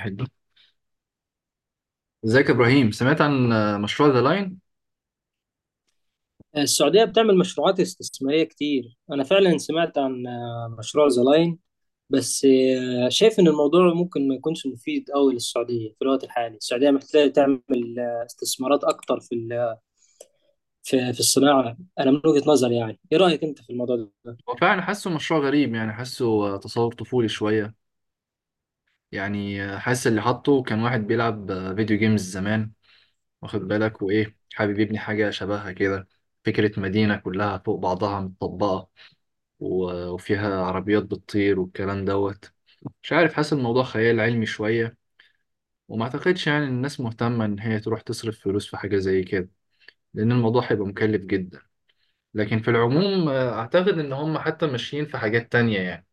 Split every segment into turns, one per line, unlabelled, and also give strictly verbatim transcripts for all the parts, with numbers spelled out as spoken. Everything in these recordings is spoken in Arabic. حلو. ازيك يا ابراهيم؟ سمعت عن آه، مشروع ذا لاين؟
السعودية بتعمل مشروعات استثمارية كتير. أنا فعلا سمعت عن آه، مشروع ذا لاين. بس آه، شايف إن الموضوع ممكن ما يكونش مفيد أوي للسعودية في الوقت الحالي. السعودية محتاجة تعمل آه، استثمارات أكتر في ال- في في الصناعة. أنا من وجهة نظري، يعني إيه رأيك أنت في الموضوع ده؟
هو فعلا حاسه مشروع غريب، يعني حاسه آه، تصور طفولي شويه. يعني آه، حاسس اللي حاطه كان واحد بيلعب آه، فيديو جيمز زمان، واخد بالك، وايه حابب يبني حاجه شبهها كده. فكره مدينه كلها فوق بعضها متطبقه، و- وفيها عربيات بتطير والكلام دوت. مش عارف، حاسس الموضوع خيال علمي شويه، وما اعتقدش يعني إن الناس مهتمه ان هي تروح تصرف فلوس في حاجه زي كده، لان الموضوع هيبقى مكلف جدا. لكن في العموم آه، اعتقد ان هم حتى ماشيين في حاجات تانية يعني.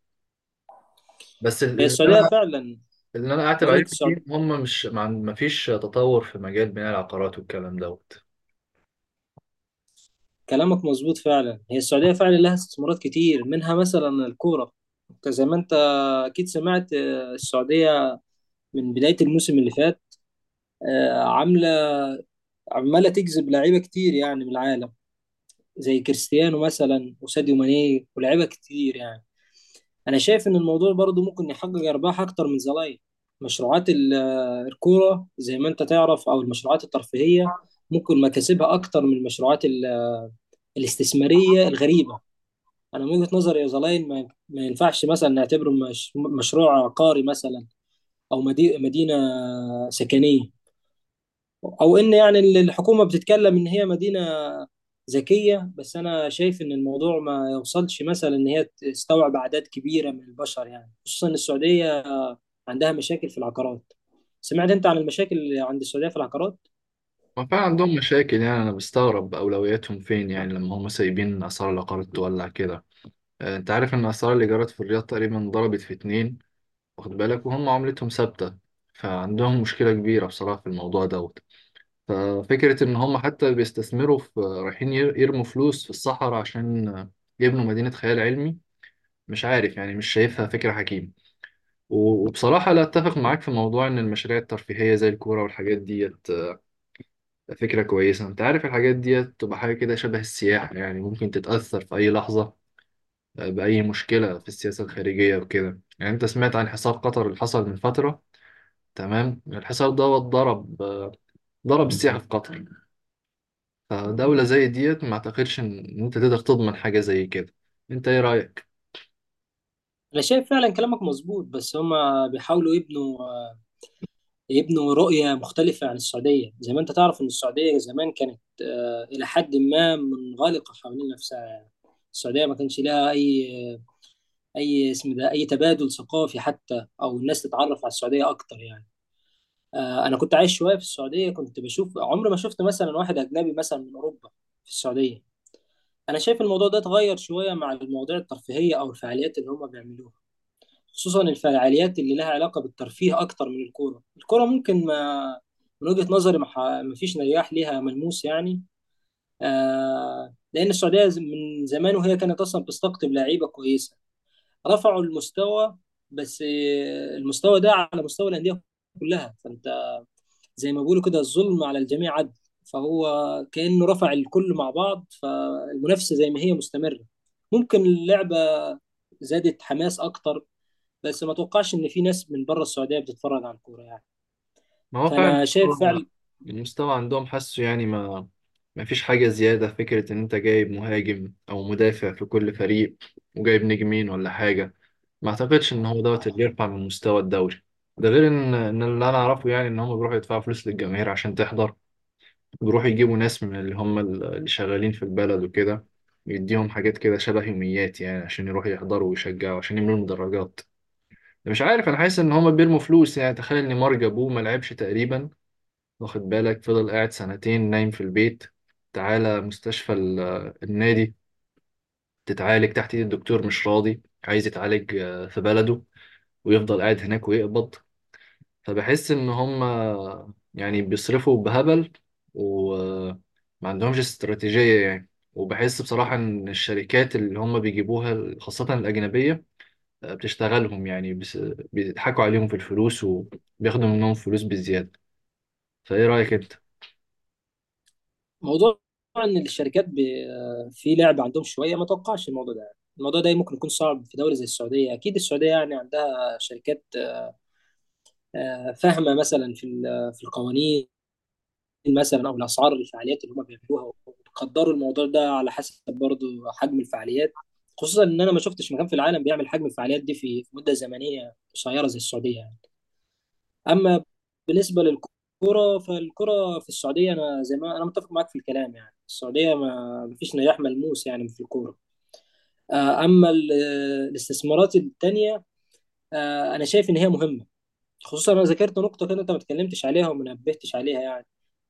بس
هي
اللي
السعودية
انا
فعلا.
اللي انا اعتب
بقول
عليه
لك
كتير
السعود...
إن هم مش ما عن- ما فيش تطور في مجال بناء العقارات والكلام دوت.
كلامك مظبوط فعلا. هي السعودية فعلا لها استثمارات كتير، منها مثلا الكورة. أنت زي ما أنت أكيد سمعت آه، السعودية من بداية الموسم اللي فات آه، عاملة عماله تجذب لعيبه كتير يعني من العالم، زي كريستيانو مثلا وساديو ماني ولاعيبه كتير يعني. انا شايف ان الموضوع برضو ممكن يحقق ارباح اكتر من زمان. مشروعات ال- الكوره زي ما انت تعرف، او المشروعات الترفيهيه ممكن مكاسبها اكتر من المشروعات ال- الاستثماريه الغريبه. انا من وجهه نظري، يا زلاين، ما ما ينفعش مثلا نعتبره مش مشروع عقاري مثلا، او مدي- مدينه سكنيه، او ان يعني ال- الحكومه بتتكلم ان هي مدينه ذكيه. بس انا شايف ان الموضوع ما يوصلش مثلا ان هي تستوعب اعداد كبيره من البشر يعني، خصوصا إن السعوديه عندها مشاكل في العقارات. سمعت انت عن المشاكل اللي عند السعوديه في العقارات؟
ما فعلا عندهم مشاكل، يعني انا بستغرب اولوياتهم فين، يعني لما هم سايبين اسعار العقارات تولع كده. آه، انت عارف ان اسعار الايجارات في الرياض تقريبا ضربت في اتنين، واخد بالك، وهم عملتهم ثابتة. فعندهم مشكلة كبيرة بصراحة في الموضوع دوت. ففكرة إن هم حتى بيستثمروا في، رايحين ير- يرموا فلوس في الصحراء عشان يبنوا مدينة خيال علمي، مش عارف يعني، مش شايفها فكرة حكيمة. و- وبصراحة لا أتفق معاك في موضوع إن المشاريع الترفيهية زي الكورة والحاجات ديت فكرة كويسة. أنت عارف الحاجات ديت تبقى حاجة كده شبه السياحة، يعني ممكن تتأثر في أي لحظة بأي مشكلة في السياسة الخارجية وكده. يعني أنت سمعت عن حصار قطر اللي حصل من فترة؟ تمام، الحصار دوت ضرب، ضرب السياحة في قطر. فدولة زي ديت ما اعتقدش ان إن انت تقدر تضمن حاجة زي كده. انت ايه رأيك؟
انا شايف فعلا كلامك مظبوط، بس هما بيحاولوا يبنوا يبنوا رؤيه مختلفه عن السعوديه. زي ما انت تعرف ان السعوديه زمان كانت آه، الى حد ما منغلقه حوالين نفسها يعني. السعوديه ما كانش لها اي اي اسم، ده اي تبادل ثقافي حتى، او الناس تتعرف على السعوديه اكتر يعني. آه، انا كنت عايش شويه في السعوديه، كنت بشوف، عمري ما شفت مثلا واحد اجنبي مثلا من اوروبا في السعوديه. انا شايف الموضوع ده اتغير شويه مع المواضيع الترفيهيه او الفعاليات اللي هم بيعملوها، خصوصا الفعاليات اللي لها علاقه بالترفيه اكتر من الكوره. الكوره ممكن ما، من وجهه نظري، ما ح- ما فيش نجاح ليها ملموس يعني. آه، لان السعوديه ز- من زمان وهي كانت اصلا بتستقطب لعيبه كويسه، رفعوا المستوى. بس آه، المستوى ده على مستوى الانديه كلها، فانت زي ما بيقولوا كده، الظلم على الجميع عدل. فهو كانه رفع الكل مع بعض، فالمنافسه زي ما هي مستمره. ممكن اللعبه زادت حماس اكتر، بس ما توقعش ان في ناس من بره السعوديه بتتفرج على الكوره يعني.
ما هو
فانا
فعلا
شايف
هو
فعلا
المستوى عندهم حاسه يعني ما ما فيش حاجة زيادة. فكرة ان انت جايب مهاجم او مدافع في كل فريق وجايب نجمين ولا حاجة، ما اعتقدش ان هو دوت اللي يرفع من مستوى الدوري. ده غير ان ان اللي انا اعرفه يعني ان هم بيروحوا يدفعوا فلوس للجماهير عشان تحضر. بيروحوا يجيبوا ناس من اللي هم اللي شغالين في البلد وكده، يديهم حاجات كده شبه يوميات يعني عشان يروحوا يحضروا ويشجعوا عشان يملوا المدرجات. مش عارف، انا حاسس ان هما بيرموا فلوس. يعني تخيل ان مارج ابوه ما لعبش تقريبا، واخد بالك، فضل قاعد سنتين نايم في البيت، تعالى مستشفى ال- النادي، تتعالج تحت ايد الدكتور، مش راضي، عايز يتعالج آه، في بلده ويفضل قاعد هناك ويقبض. فبحس ان هما يعني بيصرفوا بهبل وما عندهمش استراتيجية يعني. وبحس بصراحة ان الشركات اللي هما بيجيبوها خاصة الأجنبية بتشتغلهم يعني، بس بيضحكوا عليهم في الفلوس وبياخدوا منهم فلوس بالزيادة. فايه رأيك انت؟
موضوع ان الشركات ب... في لعب عندهم شويه، ما توقعش الموضوع ده. الموضوع ده ممكن يكون صعب في دوله زي السعوديه. اكيد السعوديه يعني عندها شركات آه، فاهمه، مثلا في ال- في القوانين مثلا او الاسعار الفعاليات اللي هم بيعملوها، وبيقدروا الموضوع ده على حسب برضه حجم الفعاليات. خصوصا ان انا ما شفتش مكان في العالم بيعمل حجم الفعاليات دي في في مده زمنيه قصيره زي السعوديه يعني. اما بالنسبه للكره، فالكره في السعوديه انا زي ما انا متفق معاك في الكلام يعني، السعوديه ما ما فيش نجاح ملموس يعني في الكوره. آه، اما ال- الاستثمارات التانيه، آه، انا شايف ان هي مهمه. خصوصا انا ذكرت نقطه كده انت ما اتكلمتش عليها وما نبهتش عليها يعني،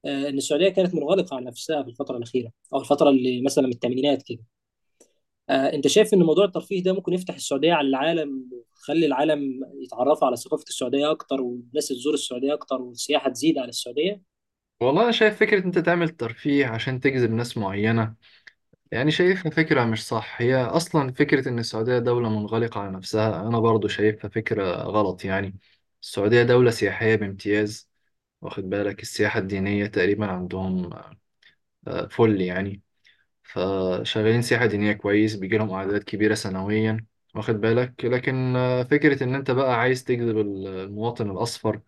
آه، ان السعوديه كانت منغلقه على نفسها في الفتره الاخيره، او الفتره اللي مثلا من الثمانينات كده. آه، انت شايف ان موضوع الترفيه ده ممكن يفتح السعوديه على العالم، ويخلي العالم يتعرفوا على ثقافه السعوديه اكتر، والناس تزور السعوديه اكتر، والسياحه تزيد على السعوديه؟
والله انا شايف فكرة انت تعمل ترفيه عشان تجذب ناس معينة، يعني شايفها فكرة مش صح. هي اصلا فكرة ان السعودية دولة منغلقة على نفسها انا برضو شايفها فكرة غلط يعني. السعودية دولة سياحية بامتياز، واخد بالك؟ السياحة الدينية تقريبا عندهم آه، فل يعني، فشغالين سياحة دينية كويس، بيجي لهم أعداد كبيرة سنويا، واخد بالك. لكن آه، فكرة إن أنت بقى عايز تجذب ال- المواطن الأصفر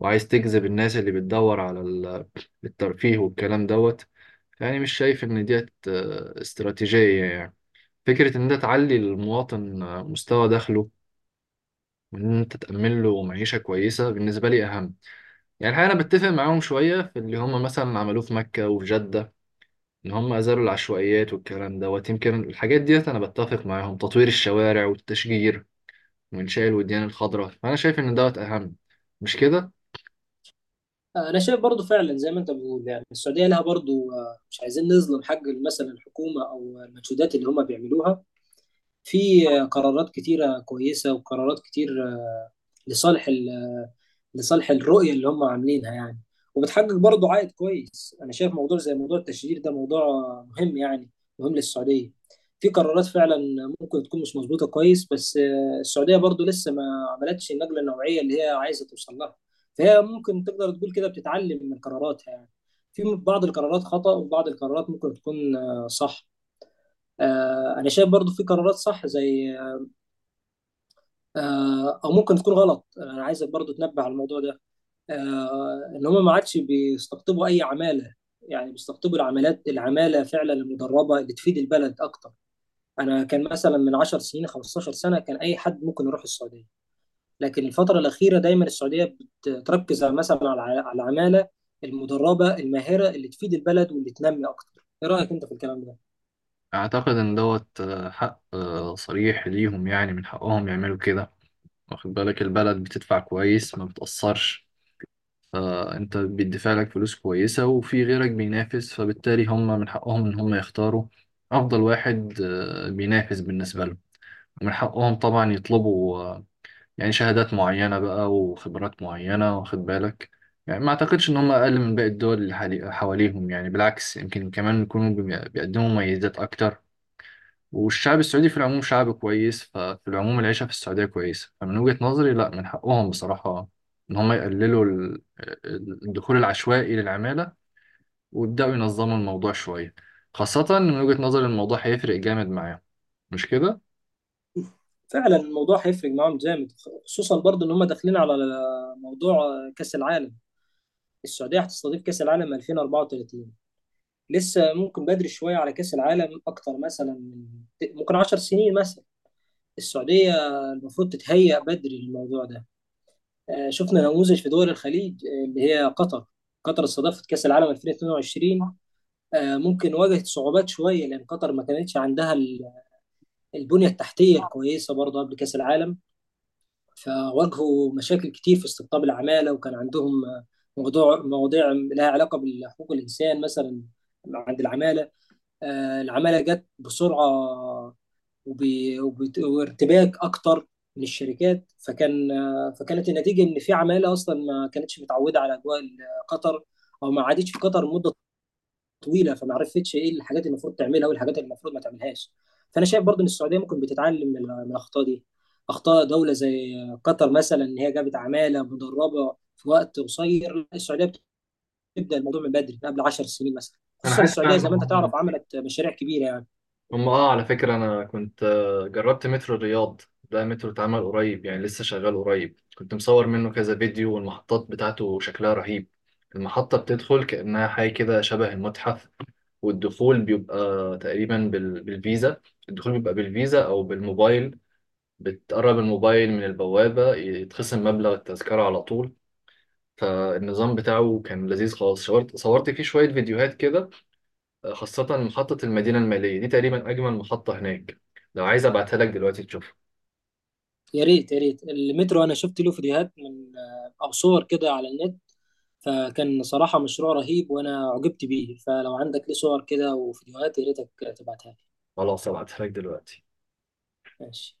وعايز تجذب الناس اللي بتدور على ال- الترفيه والكلام دوت، يعني مش شايف إن ديت آه، استراتيجية يعني. فكرة إن أنت تعلي المواطن آه، مستوى دخله وإن أنت تأمن له معيشة كويسة بالنسبة لي أهم. يعني الحقيقة أنا بتفق معاهم شوية في اللي هم مثلا عملوه في مكة وفي جدة، ان هم ازالوا العشوائيات والكلام دوت. يمكن الحاجات ديت انا بتفق معاهم، تطوير الشوارع والتشجير وانشاء الوديان الخضراء. فانا شايف ان دوت اهم، مش كده؟
آه، انا شايف برضو فعلا زي ما انت بتقول يعني، السعوديه لها برضو آه، مش عايزين نظلم حق مثلا الحكومه او المجهودات اللي هم بيعملوها. في آه، قرارات كتيره كويسه، وقرارات كتير آه، لصالح لصالح الرؤية اللي هم عاملينها يعني. وبتحقق برضه عائد كويس. أنا شايف موضوع زي موضوع التشجير ده موضوع مهم يعني، مهم للسعودية. في قرارات فعلا ممكن تكون مش مظبوطة كويس، بس آه، السعودية برضه لسه ما عملتش النقلة النوعية اللي هي عايزة توصل لها. فهي ممكن تقدر تقول كده بتتعلم من قراراتها يعني. في بعض القرارات خطأ، وبعض القرارات ممكن تكون آه، صح. آه، أنا شايف برضه في قرارات صح، زي، آه، أو ممكن تكون غلط. أنا عايزك برضه تنبه على الموضوع ده، آه، ان هم ما عادش بيستقطبوا اي عماله، يعني بيستقطبوا العمالات، العماله فعلا المدربه اللي تفيد البلد اكتر. انا كان مثلا من 10 سنين، خمسة عشر سنة سنه، كان اي حد ممكن يروح السعوديه، لكن الفتره الاخيره دايما السعوديه بتركز على- مثلا على على العماله المدربه الماهره اللي تفيد البلد واللي تنمي اكتر. ايه رايك انت في الكلام ده؟
اعتقد ان دوت آه، حق آه، صريح ليهم، يعني من حقهم يعملوا كده، واخد بالك. البلد بتدفع كويس، ما بتأثرش. آه، انت بيدفع لك فلوس كويسة وفي غيرك بينافس، فبالتالي هم من حقهم ان هم يختاروا افضل واحد آه، بينافس بالنسبة لهم. ومن حقهم طبعا يطلبوا آه، يعني شهادات معينة بقى وخبرات معينة، واخد بالك. يعني ما أعتقدش إن هم أقل من باقي الدول اللي حالي- حواليهم، يعني بالعكس يمكن كمان يكونوا بي- بيقدموا مميزات أكتر. والشعب السعودي في العموم شعب كويس، ففي العموم العيشة في السعودية كويسة. فمن وجهة نظري لا، من حقهم بصراحة إن هم يقللوا ال- ال- الدخول العشوائي للعمالة ويبدأوا ينظموا الموضوع شوية، خاصة إن من وجهة نظري الموضوع هيفرق جامد معاهم، مش كده؟
فعلا الموضوع هيفرق معاهم جامد، خصوصا برضو ان هم داخلين على موضوع كاس العالم. السعوديه هتستضيف كاس العالم ألفين وأربعة وثلاثين. لسه ممكن بدري شويه على كاس العالم، اكتر مثلا من، ممكن 10 سنين مثلا. السعوديه المفروض تتهيأ بدري للموضوع ده. آه، شفنا نموذج في دول الخليج، آه، اللي هي قطر. قطر استضافت كاس العالم ألفين واتنين وعشرين، آه، ممكن واجهت صعوبات شويه لان قطر ما كانتش عندها ال- البنيه التحتيه الكويسه برضه قبل كاس العالم. فواجهوا مشاكل كتير في استقطاب العماله، وكان عندهم آه، موضوع، مواضيع لها علاقه بحقوق الانسان مثلا عند العماله. آه، العمالة جت بسرعة، وب- وبت- وارتباك أكتر من الشركات. فكان آه، فكانت النتيجة إن في عمالة أصلا ما كانتش متعودة على أجواء ال- قطر، أو ما قعدتش في قطر مدة طويلة، فما عرفتش إيه الحاجات اللي المفروض تعملها والحاجات اللي المفروض ما تعملهاش. فأنا شايف برضو إن السعودية ممكن بتتعلم من من الأخطاء دي، أخطاء دولة زي قطر مثلا، إن هي جابت عمالة مدربة في وقت قصير. لا، السعودية بتبدأ الموضوع من بدري، من قبل 10 سنين مثلا،
انا
خصوصا
حتى
السعودية زي ما أنت تعرف عملت مشاريع كبيرة يعني.
هم اه على فكرة أنا كنت آه، جربت مترو الرياض. ده مترو اتعمل قريب يعني، لسه شغال قريب. كنت مصور منه كذا فيديو، والمحطات بتاعته شكلها رهيب. المحطة بتدخل كأنها حاجة كده شبه المتحف. والدخول بيبقى تقريبا بال- بالفيزا. الدخول بيبقى بالفيزا أو بالموبايل، بتقرب الموبايل من البوابة يتخصم مبلغ التذكرة على طول. فالنظام بتاعه كان لذيذ خالص. صورت صورت فيه شوية فيديوهات كده، خاصة محطة المدينة المالية. دي تقريبا أجمل محطة هناك. لو عايز أبعتها لك دلوقتي تشوفها؟
يا ريت، يا ريت. المترو انا شفت له فيديوهات من آه، او صور كده على النت، فكان صراحة مشروع رهيب وانا عجبت بيه. فلو عندك ليه صور كده وفيديوهات، يا ريتك تبعتها لي.
خلاص، أبعتها لك دلوقتي.
ماشي.